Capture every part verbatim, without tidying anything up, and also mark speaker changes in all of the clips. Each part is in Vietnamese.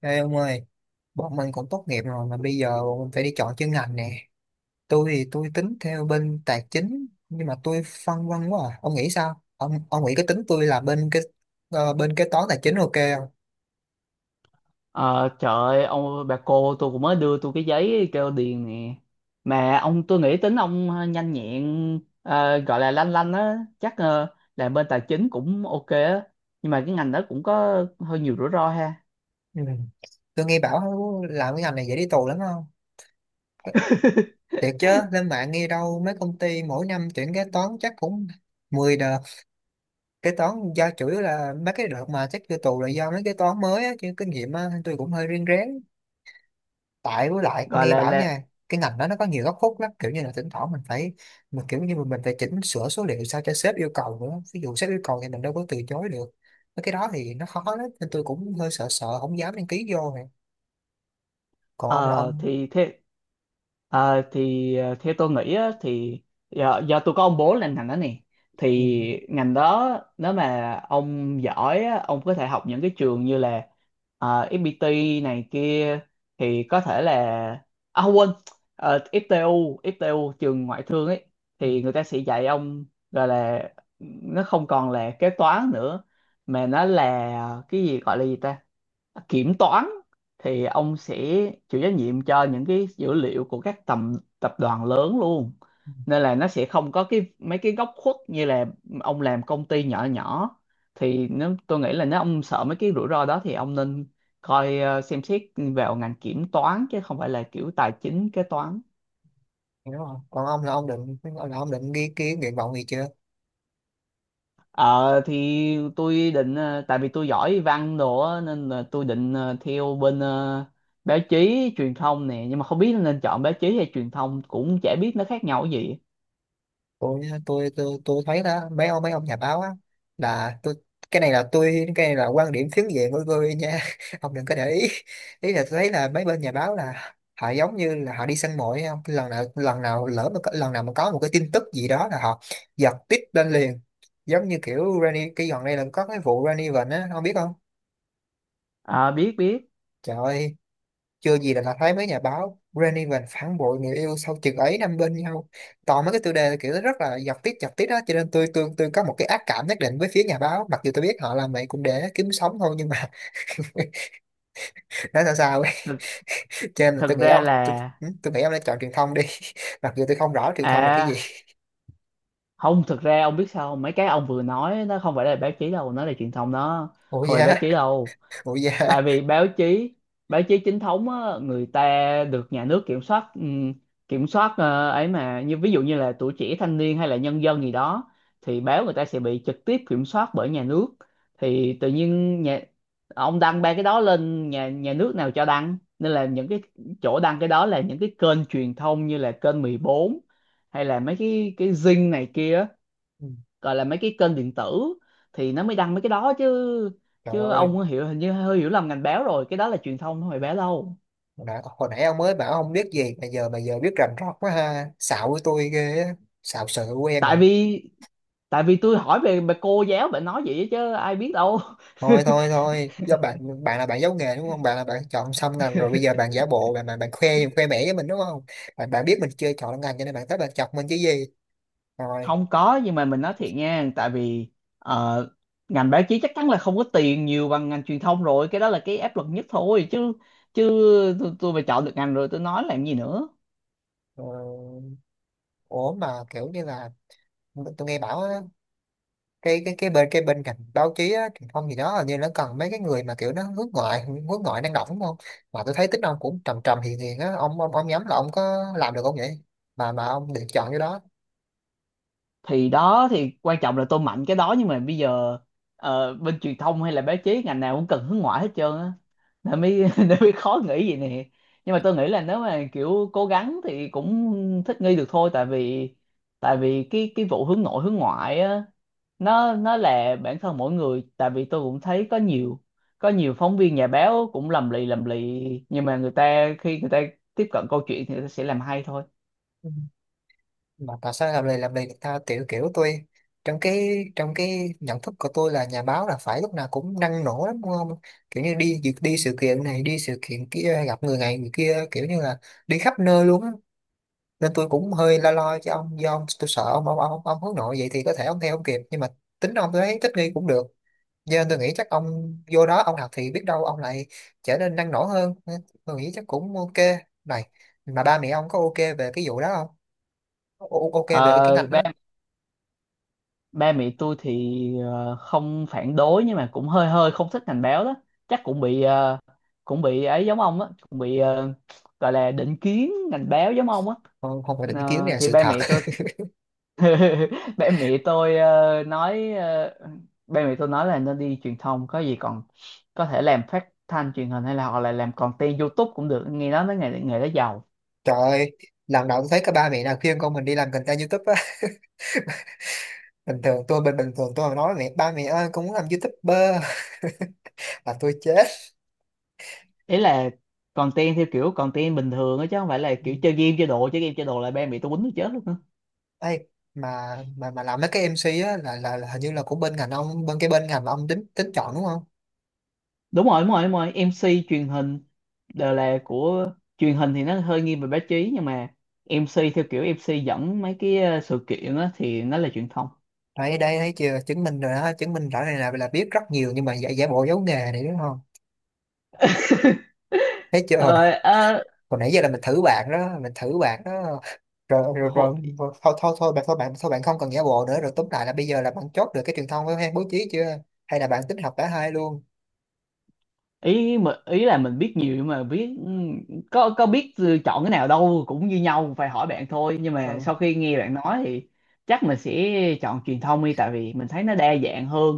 Speaker 1: Ê ông ơi, bọn mình cũng tốt nghiệp rồi mà bây giờ bọn mình phải đi chọn chuyên ngành nè. Tôi thì tôi tính theo bên tài chính nhưng mà tôi phân vân quá à. Ông nghĩ sao? Ông ông nghĩ cái tính tôi là bên cái ờ, bên kế toán tài chính ok không?
Speaker 2: Ờ, Trời ơi, ông bà cô tôi cũng mới đưa tôi cái giấy kêu điền nè. Mà ông tôi nghĩ tính ông nhanh nhẹn, ờ, gọi là lanh lanh á, chắc ờ, làm bên tài chính cũng ok á. Nhưng mà cái ngành đó cũng có hơi nhiều rủi ro ha.
Speaker 1: Ừ. Tôi nghe bảo làm cái ngành này dễ đi tù lắm không? Thiệt chứ, lên mạng nghe đâu mấy công ty mỗi năm tuyển kế toán chắc cũng mười đợt. Kế toán do chủ yếu là mấy cái đợt mà chắc vô tù là do mấy kế toán mới á, chứ kinh nghiệm á, tôi cũng hơi riêng rén. Tại với lại tôi
Speaker 2: Gọi
Speaker 1: nghe
Speaker 2: là,
Speaker 1: bảo
Speaker 2: là
Speaker 1: nha, cái ngành đó nó có nhiều góc khuất lắm, kiểu như là thỉnh thoảng mình phải mình kiểu như mình phải chỉnh sửa số liệu sao cho sếp yêu cầu nữa, ví dụ sếp yêu cầu thì mình đâu có từ chối được. Mấy cái đó thì nó khó lắm nên tôi cũng hơi sợ sợ không dám đăng ký vô này. còn ông là
Speaker 2: Ờ,
Speaker 1: ông
Speaker 2: thì thế ờ, thì ờ, theo tôi nghĩ á, thì do, do tôi có ông bố lên ngành đó nè,
Speaker 1: ừ,
Speaker 2: thì ngành đó, nếu mà ông giỏi á, ông có thể học những cái trường như là ờ, ép pê tê này kia, thì có thể là, à không quên, ờ, ép tê u ép tê u trường ngoại thương ấy,
Speaker 1: ừ,
Speaker 2: thì người ta sẽ dạy ông, gọi là, nó không còn là kế toán nữa mà nó là ờ, cái gì gọi là gì ta, kiểm toán. Thì ông sẽ chịu trách nhiệm cho những cái dữ liệu của các tầm tập đoàn lớn luôn,
Speaker 1: ừ,
Speaker 2: nên là nó sẽ không có cái mấy cái góc khuất như là ông làm công ty nhỏ nhỏ. Thì nếu tôi nghĩ là nếu ông sợ mấy cái rủi ro đó thì ông nên coi, ờ, xem xét vào ngành kiểm toán chứ không phải là kiểu tài chính kế toán.
Speaker 1: đúng không? Còn ông là ông định là ông định ghi ký nguyện vọng gì chưa?
Speaker 2: Ờ thì tôi định, ờ, tại vì tôi giỏi văn đồ á, nên là tôi định, ờ, theo bên ờ, báo chí truyền thông nè, nhưng mà không biết nên chọn báo chí hay truyền thông, cũng chả biết nó khác nhau cái gì.
Speaker 1: Tôi tôi tôi tôi thấy đó, mấy ông mấy ông nhà báo á, là tôi cái này là tôi cái này là quan điểm phiến diện của tôi nha, ông đừng có để ý. Ý là tôi thấy là mấy bên nhà báo là họ giống như là họ đi săn mồi ấy, không, lần nào lần nào lỡ mà có- lần nào mà có một cái tin tức gì đó là họ giật tít lên liền. Giống như kiểu Rani, cái gần đây là có cái vụ Rani Vịnh á, ông biết không?
Speaker 2: Ờ, biết biết.
Speaker 1: Trời ơi, chưa gì là đã thấy mấy nhà báo "Granny và phản bội người yêu sau chừng ấy năm bên nhau", toàn mấy cái tiêu đề kiểu rất là giật tít, giật tít đó. Cho nên tôi tôi tôi có một cái ác cảm nhất định với phía nhà báo, mặc dù tôi biết họ làm vậy cũng để kiếm sống thôi, nhưng mà nói sao sao ấy.
Speaker 2: thực,
Speaker 1: Cho nên là tôi
Speaker 2: thực
Speaker 1: nghĩ
Speaker 2: ra
Speaker 1: ông tôi,
Speaker 2: là.
Speaker 1: ừ, tôi nghĩ ông nên chọn truyền thông đi. Mặc dù tôi không rõ truyền thông là cái gì.
Speaker 2: À không, thực ra ông biết sao không? Mấy cái ông vừa nói nó không phải là báo chí đâu, nó là truyền thông đó,
Speaker 1: Ủa
Speaker 2: không phải báo
Speaker 1: dạ.
Speaker 2: chí đâu.
Speaker 1: Ủa dạ.
Speaker 2: Tại vì báo chí báo chí chính thống á, người ta được nhà nước kiểm soát, ừm, kiểm soát, ờ, ấy mà, như ví dụ như là tuổi trẻ thanh niên hay là nhân dân gì đó, thì báo người ta sẽ bị trực tiếp kiểm soát bởi nhà nước. Thì tự nhiên nhà ông đăng ba cái đó lên nhà nhà nước nào cho đăng, nên là những cái chỗ đăng cái đó là những cái kênh truyền thông như là kênh mười bốn hay là mấy cái cái Zing này kia,
Speaker 1: Ừ,
Speaker 2: gọi là mấy cái kênh điện tử thì nó mới đăng mấy cái đó chứ.
Speaker 1: trời
Speaker 2: Chứ
Speaker 1: ơi,
Speaker 2: ông hiểu, hình như hơi hiểu lầm ngành báo rồi, cái đó là truyền thông không phải báo đâu.
Speaker 1: hồi nãy, hồi nãy ông mới bảo ông biết gì mà giờ mà giờ biết rành rọt quá ha, xạo với tôi ghê á, xạo sợ quen à.
Speaker 2: Tại vì tại vì tôi hỏi về về cô giáo, bạn nói vậy chứ ai biết đâu.
Speaker 1: Thôi thôi thôi, do bạn bạn là bạn giấu nghề đúng không? Bạn là bạn chọn xong ngành rồi bây giờ bạn giả bộ bạn bạn, bạn khoe, khoe mẽ với mình đúng không? Bạn bạn biết mình chưa chọn ngành cho nên bạn tới bạn chọc mình chứ gì? Rồi.
Speaker 2: Không có, nhưng mà mình nói thiệt nha. Tại vì ờ, ngành báo chí chắc chắn là không có tiền nhiều bằng ngành truyền thông rồi, cái đó là cái áp lực nhất thôi chứ. chứ tôi, tôi mà chọn được ngành rồi tôi nói làm gì nữa.
Speaker 1: ờ, Ủa mà kiểu như là tôi nghe bảo á, cái cái cái bên cái bên cạnh báo chí á, truyền thông gì đó, hình như nó cần mấy cái người mà kiểu nó hướng ngoại, hướng ngoại năng động đúng không? Mà tôi thấy tính ông cũng trầm trầm hiền hiền á, ông ông ông nhắm là ông có làm được không vậy? mà mà ông được chọn cái đó.
Speaker 2: Thì đó, thì quan trọng là tôi mạnh cái đó, nhưng mà bây giờ ờ, bên truyền thông hay là báo chí ngành nào cũng cần hướng ngoại hết trơn á, nên mới nên mới khó nghĩ vậy nè. Nhưng mà tôi nghĩ là nếu mà kiểu cố gắng thì cũng thích nghi được thôi. Tại vì tại vì cái cái vụ hướng nội hướng ngoại á, nó nó là bản thân mỗi người. Tại vì tôi cũng thấy có nhiều, có nhiều phóng viên nhà báo cũng lầm lì lầm lì, nhưng mà người ta khi người ta tiếp cận câu chuyện thì người ta sẽ làm hay thôi.
Speaker 1: Mà tại sao làm lì làm lì người ta, kiểu kiểu tôi trong cái trong cái nhận thức của tôi là nhà báo là phải lúc nào cũng năng nổ lắm đúng không? Kiểu như đi việc, đi sự kiện này đi sự kiện kia, gặp người này người kia, kiểu như là đi khắp nơi luôn á. Nên tôi cũng hơi lo lo cho ông, do ông tôi sợ ông ông ông, ông hướng nội vậy thì có thể ông theo ông kịp, nhưng mà tính ông tôi thấy thích nghi cũng được. Cho nên tôi nghĩ chắc ông vô đó ông học thì biết đâu ông lại trở nên năng nổ hơn. Nên tôi nghĩ chắc cũng ok. Này, mà ba mẹ ông có ok về cái vụ đó không? O- ok về cái, cái
Speaker 2: Ờ,
Speaker 1: ngành đó.
Speaker 2: Ba mẹ tôi thì ờ, không phản đối, nhưng mà cũng hơi hơi không thích ngành báo đó. Chắc cũng bị, ờ, cũng bị ấy giống ông á, cũng bị ờ, gọi là định kiến ngành báo giống ông á.
Speaker 1: Không, không phải định kiến
Speaker 2: Ờ,
Speaker 1: nè,
Speaker 2: thì
Speaker 1: sự
Speaker 2: ba
Speaker 1: thật.
Speaker 2: mẹ tôi ba mẹ tôi ờ, nói ờ, ba mẹ tôi nói là nên đi truyền thông, có gì còn có thể làm phát thanh truyền hình hay là hoặc là làm content YouTube cũng được, nghe nói mấy nghề nghề đó giàu.
Speaker 1: Trời ơi, lần đầu tôi thấy cái ba mẹ nào khuyên con mình đi làm content YouTube á. Bình thường tôi bình bình thường tôi mà nói mẹ, ba mẹ ơi con muốn làm YouTuber, là tôi chết.
Speaker 2: Ý là content theo kiểu content bình thường á, chứ không phải là
Speaker 1: Ừ.
Speaker 2: kiểu chơi game chơi đồ. Chơi game chơi đồ là ba mẹ tôi quýnh tôi chết luôn á.
Speaker 1: Ê, mà mà mà làm mấy cái em xê á là, là là hình như là của bên ngành ông, bên cái bên ngành mà ông tính tính chọn đúng không?
Speaker 2: Đúng rồi, đúng rồi, đúng rồi. em xê truyền hình đều là của truyền hình thì nó hơi nghiêng về báo chí, nhưng mà em ci theo kiểu em xê dẫn mấy cái ờ, sự kiện á thì nó là truyền thông.
Speaker 1: Đây đây, thấy chưa, chứng minh rồi đó, chứng minh rõ này, là là biết rất nhiều nhưng mà giả giả bộ giấu nghề này đúng không? Thấy chưa, hồi,
Speaker 2: Thôi,
Speaker 1: hồi nãy giờ là mình thử bạn đó, mình thử bạn đó. Rồi rồi, rồi, rồi. Thôi thôi thôi bạn, thôi bạn, thôi bạn không cần giả bộ nữa. Rồi tóm lại là bây giờ là bạn chốt được cái truyền thông với hay bố trí chưa? Hay là bạn tính học cả hai luôn?
Speaker 2: ý mà ý là mình biết nhiều mà biết, ừ, có có biết chọn cái nào đâu, cũng như nhau, phải hỏi bạn thôi. Nhưng mà
Speaker 1: Ừ.
Speaker 2: sau khi nghe bạn nói thì chắc mình sẽ chọn truyền thông đi, tại vì mình thấy nó đa dạng hơn.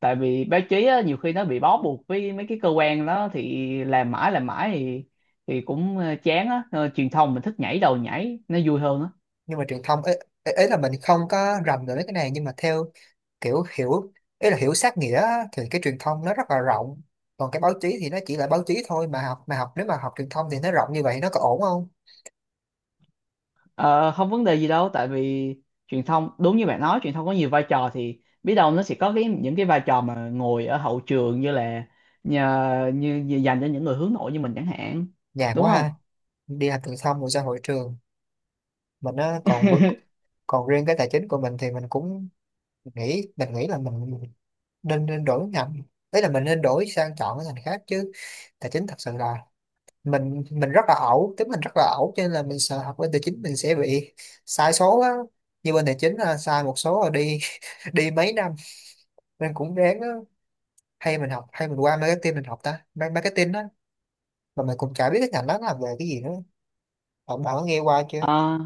Speaker 2: Tại vì báo chí á, nhiều khi nó bị bó buộc với mấy cái cơ quan đó thì làm mãi làm mãi thì thì cũng ờ, chán á. Ờ, Truyền thông mình thích nhảy đầu nhảy nó vui hơn á.
Speaker 1: Nhưng mà truyền thông ấy, ấy, ấy là mình không có rành về mấy cái này, nhưng mà theo kiểu hiểu, ấy là hiểu sát nghĩa á, thì cái truyền thông nó rất là rộng, còn cái báo chí thì nó chỉ là báo chí thôi. Mà học mà học, nếu mà học truyền thông thì nó rộng như vậy nó có ổn không?
Speaker 2: Ờ, Không vấn đề gì đâu. Tại vì truyền thông đúng như bạn nói, truyền thông có nhiều vai trò, thì biết đâu nó sẽ có cái những cái vai trò mà ngồi ở hậu trường như là, nhờ, như, như dành cho những người hướng nội như mình chẳng hạn,
Speaker 1: Nhàn
Speaker 2: đúng
Speaker 1: quá
Speaker 2: không.
Speaker 1: ha, đi học truyền thông rồi ra hội trường, mình á còn vượt. Còn riêng cái tài chính của mình thì mình cũng nghĩ mình nghĩ là mình nên nên đổi ngành. Đấy là mình nên đổi sang chọn cái ngành khác chứ, tài chính thật sự là mình mình rất là ẩu, tính mình rất là ẩu, cho nên là mình sợ học bên tài chính mình sẽ bị sai số á. Như bên tài chính là sai một số rồi đi đi mấy năm, nên cũng ráng á. Hay mình học, hay mình qua marketing, mình học ta Ma- marketing á, mà mình cũng chả biết cái ngành đó nó làm về cái gì nữa. Bạn bạn có nghe qua chưa?
Speaker 2: Ờ,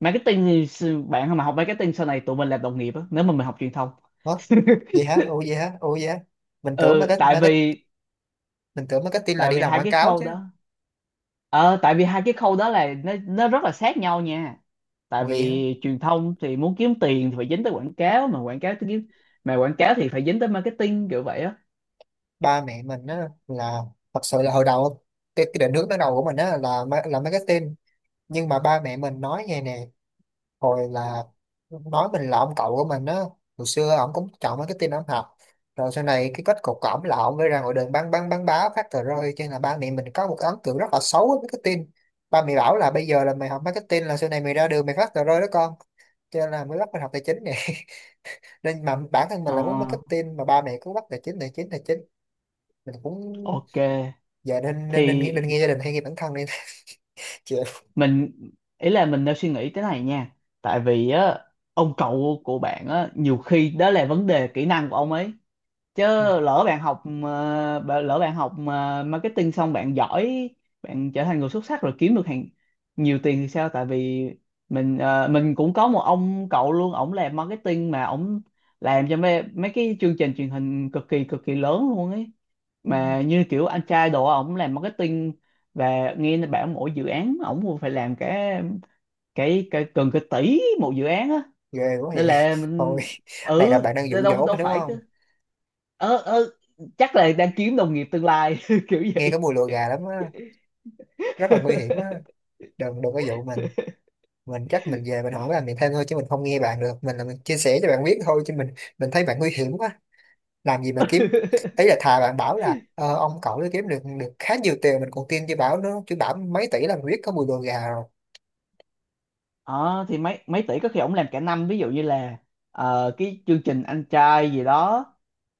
Speaker 2: Marketing thì, s- bạn mà học marketing sau này tụi mình là đồng nghiệp á nếu mà mình học truyền thông.
Speaker 1: Hả? Vậy hả? Ủa vậy hả ủa vậy hả? Mình tưởng
Speaker 2: Ừ,
Speaker 1: market,
Speaker 2: tại
Speaker 1: market,
Speaker 2: vì
Speaker 1: mình tưởng marketing là
Speaker 2: tại
Speaker 1: đi
Speaker 2: vì
Speaker 1: làm
Speaker 2: hai
Speaker 1: quảng
Speaker 2: cái
Speaker 1: cáo
Speaker 2: khâu
Speaker 1: chứ.
Speaker 2: đó, ờ tại vì hai cái khâu đó là, nó nó rất là sát nhau nha. Tại
Speaker 1: Ủa vậy hả?
Speaker 2: vì truyền thông thì muốn kiếm tiền thì phải dính tới quảng cáo, mà quảng cáo thì kiếm mà quảng cáo thì phải dính tới marketing, kiểu vậy á.
Speaker 1: Ba mẹ mình á là, thật sự là hồi đầu cái, cái định hướng ban đầu của mình á là ma- là marketing, nhưng mà ba mẹ mình nói nghe nè. Hồi là nói mình là ông cậu của mình á, hồi xưa ổng cũng chọn marketing ổng học, rồi sau này cái kết cục của ổng là ổng mới ra ngoài đường bán bán bán báo phát tờ rơi, cho nên là ba mẹ mình có một cái ấn tượng rất là xấu với marketing. Ba mẹ bảo là bây giờ là mày học marketing là sau này mày ra đường mày phát tờ rơi đó con. Cho nên là mới bắt mình học tài chính nè. Nên mà bản thân mình
Speaker 2: Ờ,
Speaker 1: lại muốn marketing mà ba mẹ cứ bắt tài chính, tài chính, tài chính. Mình cũng
Speaker 2: ok
Speaker 1: dạ, nên nên nên nghĩ
Speaker 2: thì
Speaker 1: nên nghe gia đình hay nghe bản thân đi? Chị.
Speaker 2: mình, ý là mình đang suy nghĩ thế này nha. Tại vì á, ông cậu của bạn á nhiều khi đó là vấn đề kỹ năng của ông ấy chứ.
Speaker 1: Ừ,
Speaker 2: Lỡ bạn học ờ, bạn- lỡ bạn học ờ, marketing xong bạn giỏi, bạn trở thành người xuất sắc rồi kiếm được hàng nhiều tiền thì sao. Tại vì mình ờ, mình cũng có một ông cậu luôn, ổng làm marketing, mà ổng làm cho mấy, mấy cái chương trình truyền hình cực kỳ cực kỳ lớn luôn ấy,
Speaker 1: Ừ.
Speaker 2: mà như kiểu anh trai đồ á, ổng làm marketing. Và nghe nó bảo mỗi dự án ổng cũng phải làm cái cái cái gần cái tỷ một dự án á,
Speaker 1: Ghê quá
Speaker 2: nên
Speaker 1: vậy.
Speaker 2: là
Speaker 1: Thôi,
Speaker 2: mình,
Speaker 1: này là
Speaker 2: ừ,
Speaker 1: bạn đang dụ
Speaker 2: đâu
Speaker 1: dỗ
Speaker 2: đâu
Speaker 1: mình đúng
Speaker 2: phải.
Speaker 1: không?
Speaker 2: ờ ờ Chắc là đang kiếm đồng nghiệp tương lai, kiểu
Speaker 1: Nghe cái
Speaker 2: vậy.
Speaker 1: mùi lùa gà lắm á, rất là nguy hiểm á. Đừng đừng có dụ mình. Mình chắc mình về mình hỏi làm việc thêm thôi chứ mình không nghe bạn được. Mình là mình chia sẻ cho bạn biết thôi, chứ mình mình thấy bạn nguy hiểm quá. Làm gì mà kiếm, ý là thà bạn bảo là ờ, ông cậu nó kiếm được được khá nhiều tiền mình còn tin, chứ bảo nó chứ bảo mấy tỷ là mình biết có mùi lùa gà rồi.
Speaker 2: ờ thì mấy mấy tỷ có khi ổng làm cả năm. Ví dụ như là ờ, cái chương trình anh trai gì đó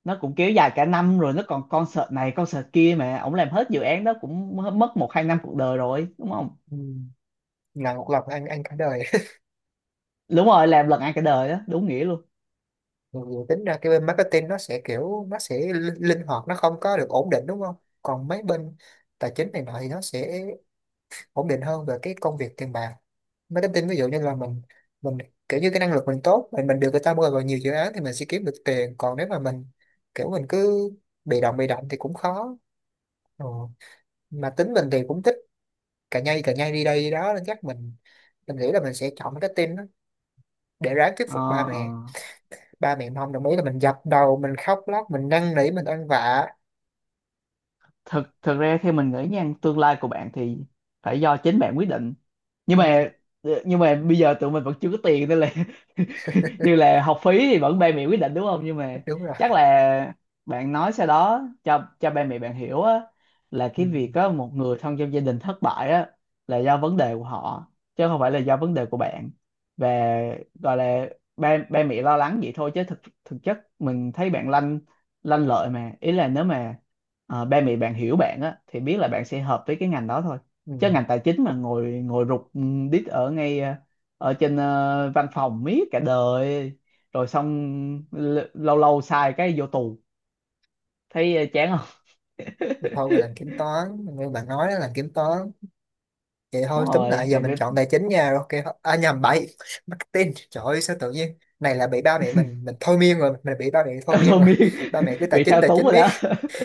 Speaker 2: nó cũng kéo dài cả năm rồi, nó còn concert này concert kia, mà ổng làm hết dự án đó cũng m- mất một hai năm cuộc đời rồi, đúng không.
Speaker 1: Ừ. Là một lần ăn ăn cả đời.
Speaker 2: Đúng rồi, làm lần ăn cả đời đó, đúng nghĩa luôn.
Speaker 1: Mặc dù tính ra cái bên marketing nó sẽ kiểu nó sẽ linh linh hoạt, nó không có được ổn định đúng không? Còn mấy bên tài chính này nọ thì nó sẽ ổn định hơn về cái công việc tiền bạc. Marketing ví dụ như là mình mình kiểu như cái năng lực mình tốt, mình mình được người ta mời vào nhiều dự án thì mình sẽ kiếm được tiền, còn nếu mà mình kiểu mình cứ bị động bị động thì cũng khó. Ừ. Mà tính mình thì cũng thích cà nhây cà nhây đi đây đi đó, nên chắc mình mình nghĩ là mình sẽ chọn marketing đó, để ráng thuyết
Speaker 2: ờ
Speaker 1: phục ba
Speaker 2: ờ
Speaker 1: mẹ. Ba mẹ mà không đồng ý là mình dập đầu, mình khóc lóc, mình năn nỉ, mình ăn vạ.
Speaker 2: thực thực ra theo mình nghĩ nha, tương lai của bạn thì phải do chính bạn quyết định, nhưng
Speaker 1: Ừ,
Speaker 2: mà nhưng mà bây giờ tụi mình vẫn chưa có tiền nên là, như là học phí thì vẫn ba mẹ quyết định đúng không, nhưng mà
Speaker 1: đúng rồi,
Speaker 2: chắc là bạn nói sau đó cho cho ba mẹ bạn hiểu á, là
Speaker 1: ừ,
Speaker 2: cái việc có một người thân trong gia đình thất bại á là do vấn đề của họ chứ không phải là do vấn đề của bạn. Và gọi là ba ba mẹ lo lắng vậy thôi, chứ thực thực chất mình thấy bạn lanh lanh lợi mà. Ý là nếu mà ờ, ba mẹ bạn hiểu bạn á thì biết là bạn sẽ hợp với cái ngành đó thôi,
Speaker 1: ừ.
Speaker 2: chứ ngành tài chính mà ngồi ngồi rụt, ừ, đít ở ngay ờ, ở trên ờ, văn phòng miết cả đời, rồi xong l- lâu lâu sai cái vô tù, thấy ờ, chán không.
Speaker 1: Thì thôi mình làm kiểm toán như bạn nói đó, làm kiểm toán vậy thôi.
Speaker 2: Đúng
Speaker 1: Túm lại
Speaker 2: rồi,
Speaker 1: giờ
Speaker 2: làm
Speaker 1: mình
Speaker 2: cái,
Speaker 1: chọn tài chính nha, ok, à nhầm, bậy, marketing. Trời ơi, sao tự nhiên này là bị ba mẹ mình mình thôi miên rồi, mình bị ba mẹ thôi miên
Speaker 2: thôi
Speaker 1: rồi.
Speaker 2: miên,
Speaker 1: Ba mẹ cứ tài
Speaker 2: bị
Speaker 1: chính,
Speaker 2: thao
Speaker 1: tài
Speaker 2: túng
Speaker 1: chính
Speaker 2: rồi
Speaker 1: miết,
Speaker 2: đó.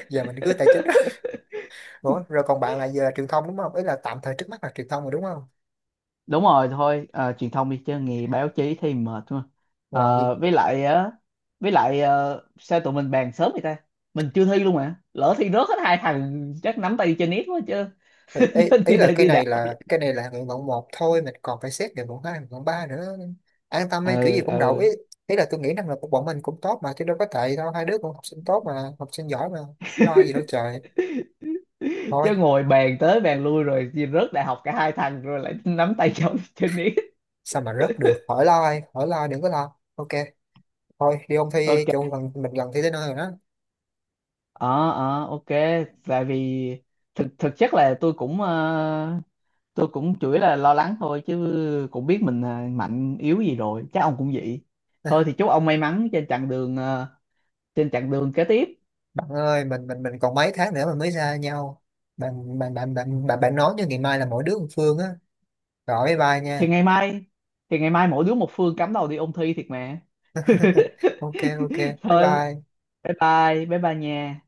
Speaker 1: giờ mình cứ tài chính. Ủa, rồi còn bạn là giờ là truyền thông đúng không? Ý là tạm thời trước mắt là truyền thông rồi đúng không?
Speaker 2: Đúng rồi, thôi ờ, truyền thông đi, chứ nghề báo chí thì mệt quá.
Speaker 1: Rồi.
Speaker 2: Ờ, với lại á, với lại ờ, sao tụi mình bàn sớm vậy ta? Mình chưa thi luôn mà lỡ thi rớt hết hai thằng chắc nắm tay đi chơi net quá chứ.
Speaker 1: Thì
Speaker 2: Đi
Speaker 1: ý, ý
Speaker 2: đi
Speaker 1: là
Speaker 2: đây
Speaker 1: cái
Speaker 2: đi đã.
Speaker 1: này là cái này là nguyện vọng một thôi, mình còn phải xét nguyện vọng hai, nguyện vọng ba nữa. An tâm ấy, kiểu gì
Speaker 2: Ừ,
Speaker 1: cũng đậu
Speaker 2: ừ.
Speaker 1: ý. Ý là tôi nghĩ năng lực của bọn mình cũng tốt mà, chứ đâu có tệ đâu, hai đứa cũng học sinh tốt mà, học sinh giỏi mà, lo gì đâu trời.
Speaker 2: Chứ
Speaker 1: Thôi,
Speaker 2: ngồi bàn tới bàn lui rồi chia rớt đại học cả hai thằng rồi lại nắm tay nhau trên ý.
Speaker 1: sao mà rớt được, khỏi lo, ai khỏi lo, đừng có lo, ok. Thôi đi ôn thi đi,
Speaker 2: Ok.
Speaker 1: chung gần mình, gần thi tới nơi rồi đó.
Speaker 2: ờ ờ ok. Tại vì thực thực chất là tôi cũng, ờ, tôi cũng chủ yếu là lo lắng thôi, chứ cũng biết mình ờ, mạnh yếu gì rồi chắc ông cũng vậy. Thôi thì chúc ông may mắn trên chặng đường ờ, trên chặng đường kế tiếp.
Speaker 1: Bạn ơi, mình mình mình còn mấy tháng nữa mà mới ra nhau. Bạn bạn bạn bạn bạn, bạn nói cho ngày mai là mỗi đứa một phương á, rồi bye bye nha.
Speaker 2: Thì ngày mai thì ngày mai mỗi đứa một phương cắm đầu đi ôn thi thiệt mà.
Speaker 1: Ok, ok, bye
Speaker 2: Thôi,
Speaker 1: bye.
Speaker 2: bye bye bye bye nha.